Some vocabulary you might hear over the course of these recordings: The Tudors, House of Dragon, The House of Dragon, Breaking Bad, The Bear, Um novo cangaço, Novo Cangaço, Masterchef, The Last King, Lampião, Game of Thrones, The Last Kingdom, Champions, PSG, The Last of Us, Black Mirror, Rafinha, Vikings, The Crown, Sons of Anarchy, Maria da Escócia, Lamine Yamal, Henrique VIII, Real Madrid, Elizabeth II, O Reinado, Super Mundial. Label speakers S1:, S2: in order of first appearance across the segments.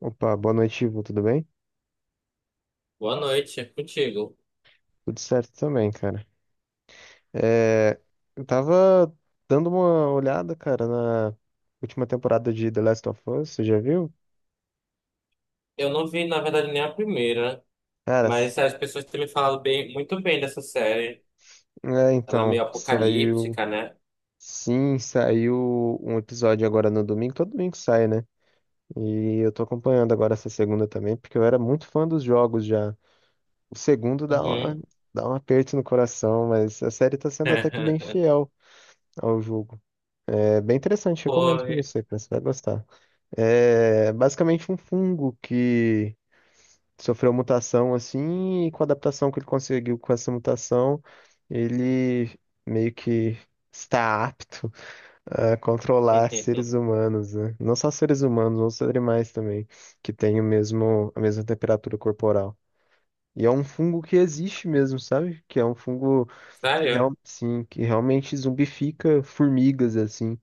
S1: Opa, boa noite, Ivo. Tudo bem?
S2: Boa noite, é contigo.
S1: Tudo certo também, cara. É, eu tava dando uma olhada, cara, na última temporada de The Last of Us, você já viu?
S2: Eu não vi, na verdade, nem a primeira,
S1: Cara, s-
S2: mas as pessoas têm me falado bem, muito bem dessa série. Ela é meio
S1: saiu.
S2: apocalíptica, né?
S1: Sim, saiu um episódio agora no domingo. Todo domingo sai, né? E eu tô acompanhando agora essa segunda também, porque eu era muito fã dos jogos já. O segundo dá uma-
S2: Uhum.
S1: dá um aperto no coração, mas a série tá sendo até que bem fiel ao jogo. É bem interessante, recomendo pra
S2: Foi.
S1: você, cara. Você vai gostar. É basicamente um fungo que sofreu mutação assim, e com a adaptação que ele conseguiu com essa mutação, ele meio que está apto a controlar seres humanos, né? Não só seres humanos, outros animais também, que têm a mesma temperatura corporal. E é um fungo que existe mesmo, sabe? Que é um fungo que, real,
S2: Sério?
S1: sim, que realmente zumbifica formigas, assim.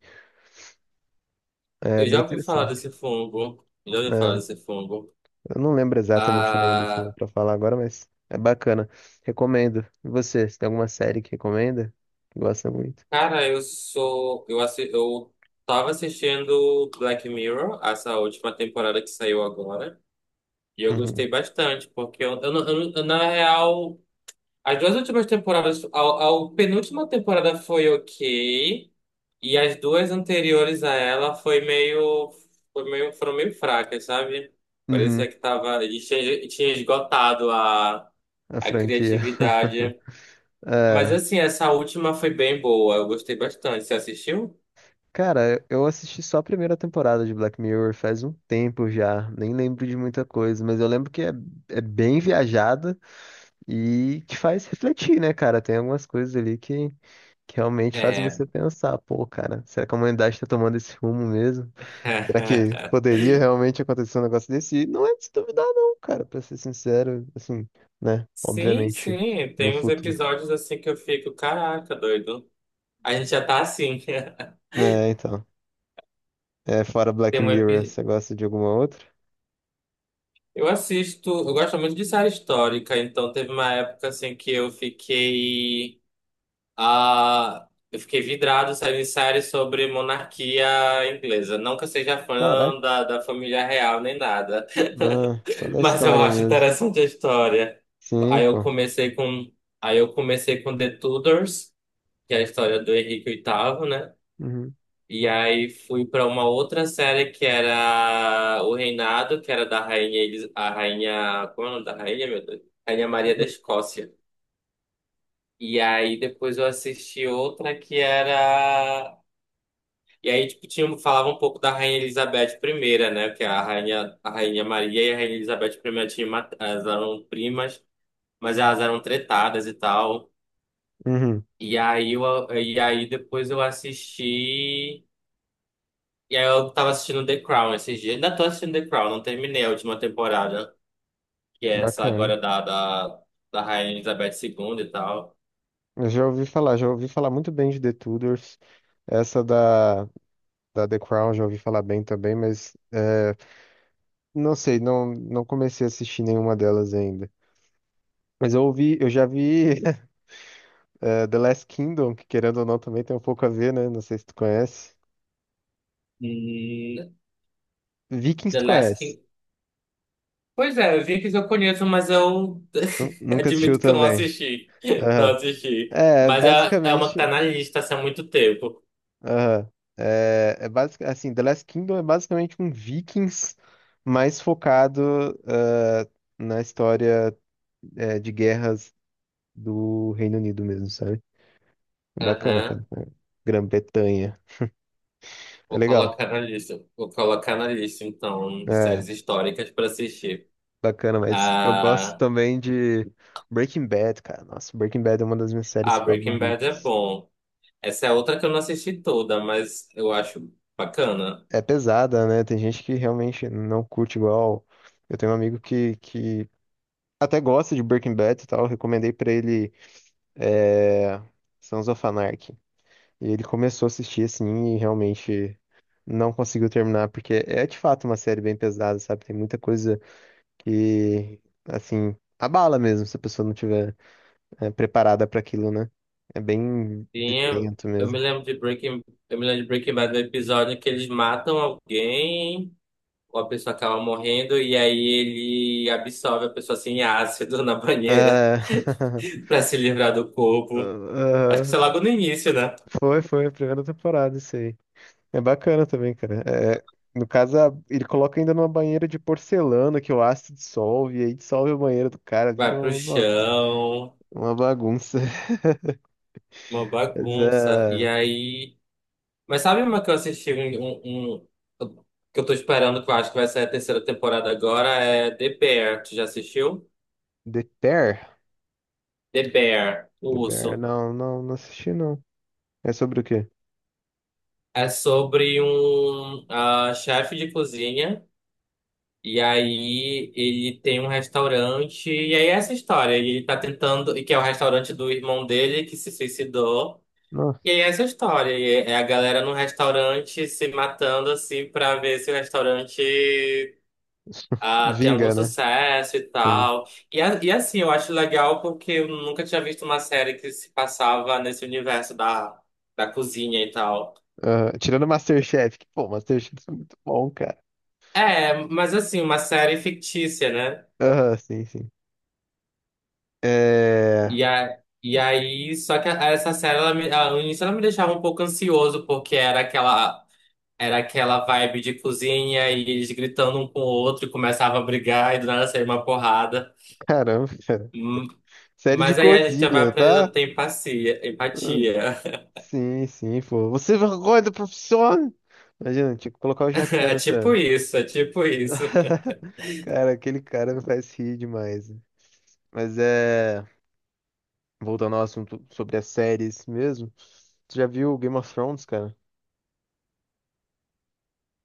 S1: É
S2: Eu
S1: bem
S2: já ouvi falar desse
S1: interessante.
S2: fungo. Já ouvi falar
S1: É.
S2: desse fungo.
S1: Eu não lembro exatamente o nome do fungo
S2: Ah,
S1: pra falar agora, mas é bacana. Recomendo. E você tem alguma série que recomenda? Que gosta muito?
S2: cara, eu sou. Eu tava assistindo Black Mirror, essa última temporada que saiu agora. E eu
S1: Uhum.
S2: gostei bastante, porque eu, não- eu não- eu, na real. As duas últimas temporadas, a penúltima temporada foi ok, e as duas anteriores a ela foram meio fracas, sabe?
S1: Uhum.
S2: Parecia que tava, e tinha esgotado
S1: A
S2: a
S1: franquia.
S2: criatividade. Mas
S1: É.
S2: assim, essa última foi bem boa, eu gostei bastante. Você assistiu?
S1: Cara, eu assisti só a primeira temporada de Black Mirror faz um tempo já. Nem lembro de muita coisa, mas eu lembro que é bem viajada e te faz refletir, né, cara? Tem algumas coisas ali que realmente fazem
S2: É.
S1: você pensar, pô, cara, será que a humanidade está tomando esse rumo mesmo? Será que poderia realmente acontecer um negócio desse? E não é de se duvidar, não, cara, pra ser sincero, assim, né?
S2: Sim,
S1: Obviamente,
S2: sim,
S1: no
S2: tem uns
S1: futuro.
S2: episódios assim que eu fico, caraca, doido. A gente já tá assim.
S1: É, então. É, fora Black
S2: Tem um
S1: Mirror,
S2: epi-
S1: você gosta de alguma outra?
S2: Eu assisto, eu gosto muito de série histórica, então teve uma época assim que eu fiquei vidrado saindo em série sobre monarquia inglesa. Não que eu seja
S1: Caraca,
S2: fã da, da família real nem nada,
S1: ah, só da
S2: mas eu
S1: história
S2: acho
S1: mesmo.
S2: interessante a história.
S1: Sim,
S2: Aí eu
S1: pô.
S2: comecei com aí eu comecei com The Tudors, que é a história do Henrique VIII, né?
S1: Uhum.
S2: E aí fui pra uma outra série que era O Reinado, que era da rainha, a rainha, como é o nome da rainha, meu Deus? Rainha Maria da Escócia. E aí depois eu assisti outra que era E aí tipo tinha falava um pouco da rainha Elizabeth primeira, né, que é a rainha, a rainha Maria e a rainha Elizabeth primeira elas eram primas, mas elas eram tretadas e tal.
S1: Uhum,
S2: E aí eu, e aí depois eu assisti E aí eu tava assistindo The Crown esses dias. Ainda tô assistindo The Crown, não terminei a última temporada, que é essa
S1: bacana.
S2: agora da Rainha Elizabeth II e tal.
S1: Eu já ouvi falar muito bem de The Tudors. Essa da The Crown já ouvi falar bem também, não sei, não, não comecei a assistir nenhuma delas ainda. Mas eu ouvi, eu já vi The Last Kingdom, que querendo ou não também tem um pouco a ver, né? Não sei se tu conhece.
S2: E
S1: Vikings
S2: The
S1: tu
S2: Last
S1: conhece.
S2: King. Pois é, eu vi que eu conheço, mas eu
S1: Nunca assistiu
S2: admito que eu não
S1: também.
S2: assisti. Não
S1: Aham.
S2: assisti.
S1: É,
S2: Mas é, é uma que tá
S1: basicamente.
S2: na lista assim, há muito tempo.
S1: Aham. The Last Kingdom é basicamente um Vikings mais focado na história, de guerras do Reino Unido mesmo, sabe? Bacana, cara.
S2: Aham.
S1: É, Grã-Bretanha. É
S2: Vou
S1: legal.
S2: colocar na lista. Vou colocar na lista, então, de
S1: É.
S2: séries históricas pra assistir.
S1: Bacana, mas eu gosto
S2: Ah,
S1: também de Breaking Bad, cara. Nossa, Breaking Bad é uma das minhas séries
S2: a Breaking Bad é
S1: favoritas.
S2: bom. Essa é outra que eu não assisti toda, mas eu acho bacana.
S1: É pesada, né? Tem gente que realmente não curte igual. Eu tenho um amigo que até gosta de Breaking Bad e tal. Eu recomendei pra ele é... Sons of Anarchy. E ele começou a assistir assim e realmente não conseguiu terminar, porque é de fato uma série bem pesada, sabe? Tem muita coisa que, assim, abala mesmo se a pessoa não tiver, é, preparada para aquilo, né? É bem
S2: Tinha,
S1: violento
S2: eu me
S1: mesmo.
S2: lembro de Breaking, eu me lembro de Breaking Bad do episódio que eles matam alguém, ou a pessoa acaba morrendo, e aí ele absorve a pessoa assim em ácido na banheira
S1: É...
S2: pra se livrar do corpo. Acho que
S1: Ah,
S2: isso é logo no início, né?
S1: foi, foi, a primeira temporada, isso aí. É bacana também, cara. É, no caso, ele coloca ainda numa banheira de porcelana que o ácido dissolve, e aí dissolve a banheira do cara, vira
S2: Vai pro
S1: um, nossa,
S2: chão,
S1: uma bagunça.
S2: uma
S1: Mas,
S2: bagunça. E
S1: é,
S2: aí. Mas sabe uma que eu assisti um, um- um- que eu tô esperando, que eu acho que vai sair a terceira temporada agora, é The Bear. Tu já assistiu?
S1: The Bear?
S2: The Bear, o
S1: The Bear,
S2: urso.
S1: não, não, não assisti, não. É sobre o quê?
S2: É sobre um chefe de cozinha. E aí ele tem um restaurante. E aí é essa história. Ele tá tentando. Que é o restaurante do irmão dele que se suicidou. E
S1: Nossa,
S2: aí é essa história. E é a galera no restaurante se matando assim pra ver se o restaurante tem algum
S1: vinga, né?
S2: sucesso e
S1: Sim.
S2: tal. E assim, eu acho legal porque eu nunca tinha visto uma série que se passava nesse universo da, da cozinha e tal.
S1: Ah, tirando Masterchef, que, pô, Masterchef é muito bom, cara.
S2: É, mas assim, uma série fictícia, né?
S1: Aham, sim, sim. É.
S2: E, a, e aí, só que a- Essa série, ela me, ela, no início ela me deixava um pouco ansioso, porque era aquela vibe de cozinha e eles gritando um com o outro e começava a brigar e do nada saía uma porrada.
S1: Caramba, cara.
S2: Hum.
S1: Série de
S2: Mas aí a gente já vai
S1: cozinha,
S2: aprendendo a
S1: tá?
S2: ter empatia,
S1: Ah,
S2: empatia.
S1: sim, sim, pô. Você é vergonha da profissão? Imagina, tinha que colocar o Jacan
S2: É tipo
S1: nessa.
S2: isso, é tipo isso.
S1: Cara, aquele cara me faz rir demais. Mas é. Voltando ao assunto sobre as séries mesmo. Tu já viu Game of Thrones, cara?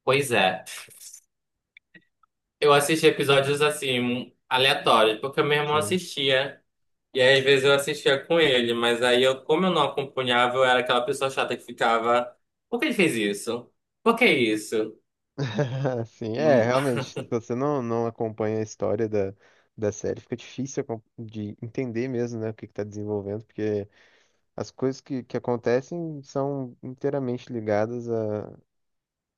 S2: Pois é. Eu assisti episódios assim, aleatórios, porque meu irmão
S1: Sim.
S2: assistia. E aí, às vezes eu assistia com ele, mas aí eu, como eu não acompanhava, eu era aquela pessoa chata que ficava, por que ele fez isso? Por que isso?
S1: Sim, é,
S2: Hum.
S1: realmente. Se você não, não acompanha a história da série, fica difícil de entender mesmo, né, o que que tá desenvolvendo, porque. As coisas que acontecem são inteiramente ligadas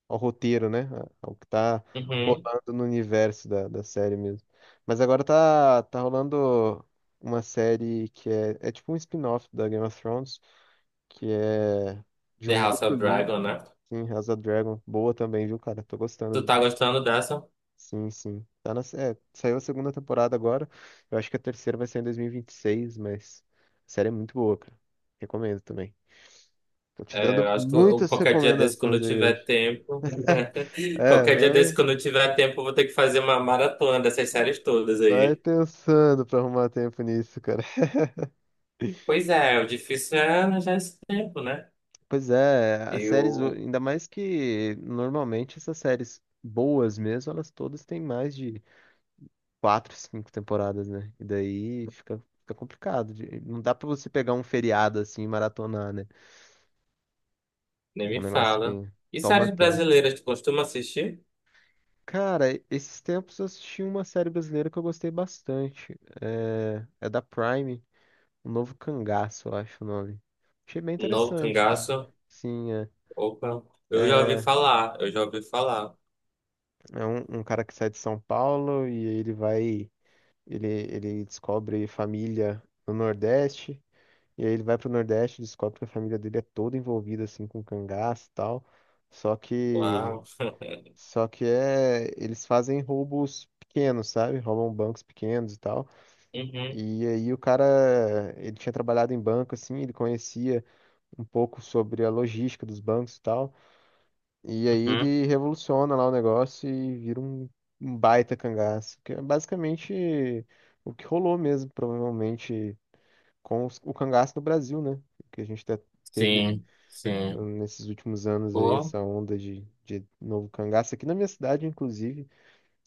S1: ao roteiro, né? Ao que tá
S2: Uhum.
S1: rolando no universo da série mesmo. Mas agora tá, tá rolando uma série que é tipo um spin-off da Game of Thrones, que é de
S2: The
S1: um
S2: House
S1: outro
S2: of
S1: livro,
S2: Dragon, né?
S1: sim, House of Dragon. Boa também, viu, cara? Tô
S2: Tu
S1: gostando.
S2: tá gostando dessa?
S1: Sim, sim. Saiu a segunda temporada agora. Eu acho que a terceira vai sair em 2026, mas a série é muito boa, cara. Recomendo também. Tô te
S2: É,
S1: dando
S2: eu acho que
S1: muitas
S2: qualquer dia desse, quando eu
S1: recomendações aí
S2: tiver
S1: hoje.
S2: tempo,
S1: É,
S2: qualquer dia desse,
S1: vai,
S2: quando eu tiver tempo, eu vou ter que fazer uma maratona dessas séries todas
S1: vai
S2: aí.
S1: pensando pra arrumar tempo nisso, cara.
S2: Pois é, o difícil é arranjar esse tempo, né?
S1: Pois é, as séries,
S2: Eu
S1: ainda mais que normalmente essas séries boas mesmo, elas todas têm mais de quatro, cinco temporadas, né? E daí fica, fica complicado. Não dá pra você pegar um feriado assim e maratonar, né?
S2: nem
S1: É um
S2: me
S1: negócio
S2: fala.
S1: que
S2: E
S1: toma
S2: séries
S1: tempo.
S2: brasileiras, tu costuma assistir?
S1: Cara, esses tempos eu assisti uma série brasileira que eu gostei bastante. É da Prime. Um novo cangaço, eu acho o nome. Achei bem
S2: Novo
S1: interessante, cara.
S2: Cangaço?
S1: Sim, é.
S2: Opa, eu já ouvi
S1: É,
S2: falar, eu já ouvi falar.
S1: é um, um cara que sai de São Paulo e aí ele vai. Ele descobre família no Nordeste. E aí ele vai pro Nordeste e descobre que a família dele é toda envolvida assim com cangaço e tal. Só que.
S2: Uau.
S1: Só que é. Eles fazem roubos pequenos, sabe? Roubam bancos pequenos e tal.
S2: Uhum,
S1: E aí o cara. Ele tinha trabalhado em banco, assim, ele conhecia um pouco sobre a logística dos bancos e tal. E aí
S2: uhum.
S1: ele revoluciona lá o negócio e vira um, um baita cangaço, que é basicamente o que rolou mesmo, provavelmente, com o cangaço no Brasil, né? Que a gente teve,
S2: Sim, sim.
S1: nesses últimos anos aí,
S2: O,
S1: essa onda de novo cangaço. Aqui na minha cidade, inclusive,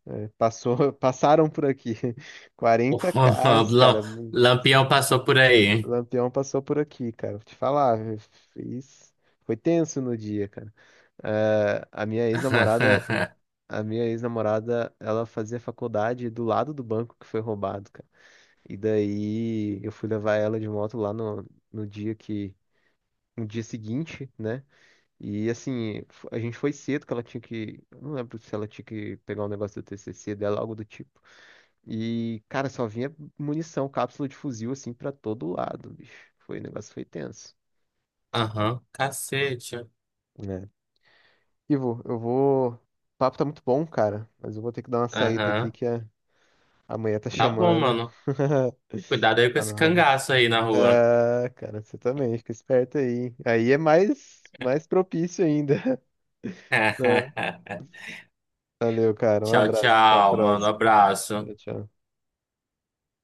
S1: né, passou, passaram por aqui
S2: o
S1: 40 carros,
S2: Lam-
S1: cara. O
S2: Lampião passou por aí.
S1: Lampião passou por aqui, cara. Vou te falar, eu fiz... foi tenso no dia, cara. É, a minha ex-namorada, ela fazia faculdade do lado do banco que foi roubado, cara. E daí eu fui levar ela de moto lá no, no dia que, no dia seguinte, né? E assim, a gente foi cedo que ela tinha que, eu não lembro se ela tinha que pegar um negócio do TCC dela, algo do tipo. E, cara, só vinha munição, cápsula de fuzil assim pra todo lado, bicho. Foi, o negócio foi tenso,
S2: Aham, cacete.
S1: né? Ivo, eu vou. O papo tá muito bom, cara, mas eu vou ter que dar uma saída aqui
S2: Aham.
S1: que é. Amanhã tá
S2: Tá bom,
S1: chamando.
S2: mano. Cuidado aí com
S1: Tá
S2: esse
S1: na hora.
S2: cangaço aí na rua.
S1: Ah, cara, você também, fica esperto aí. Aí é mais, mais propício ainda. Valeu, cara. Um
S2: Tchau,
S1: abraço. Até a
S2: tchau, mano.
S1: próxima.
S2: Abraço.
S1: Tchau, tchau.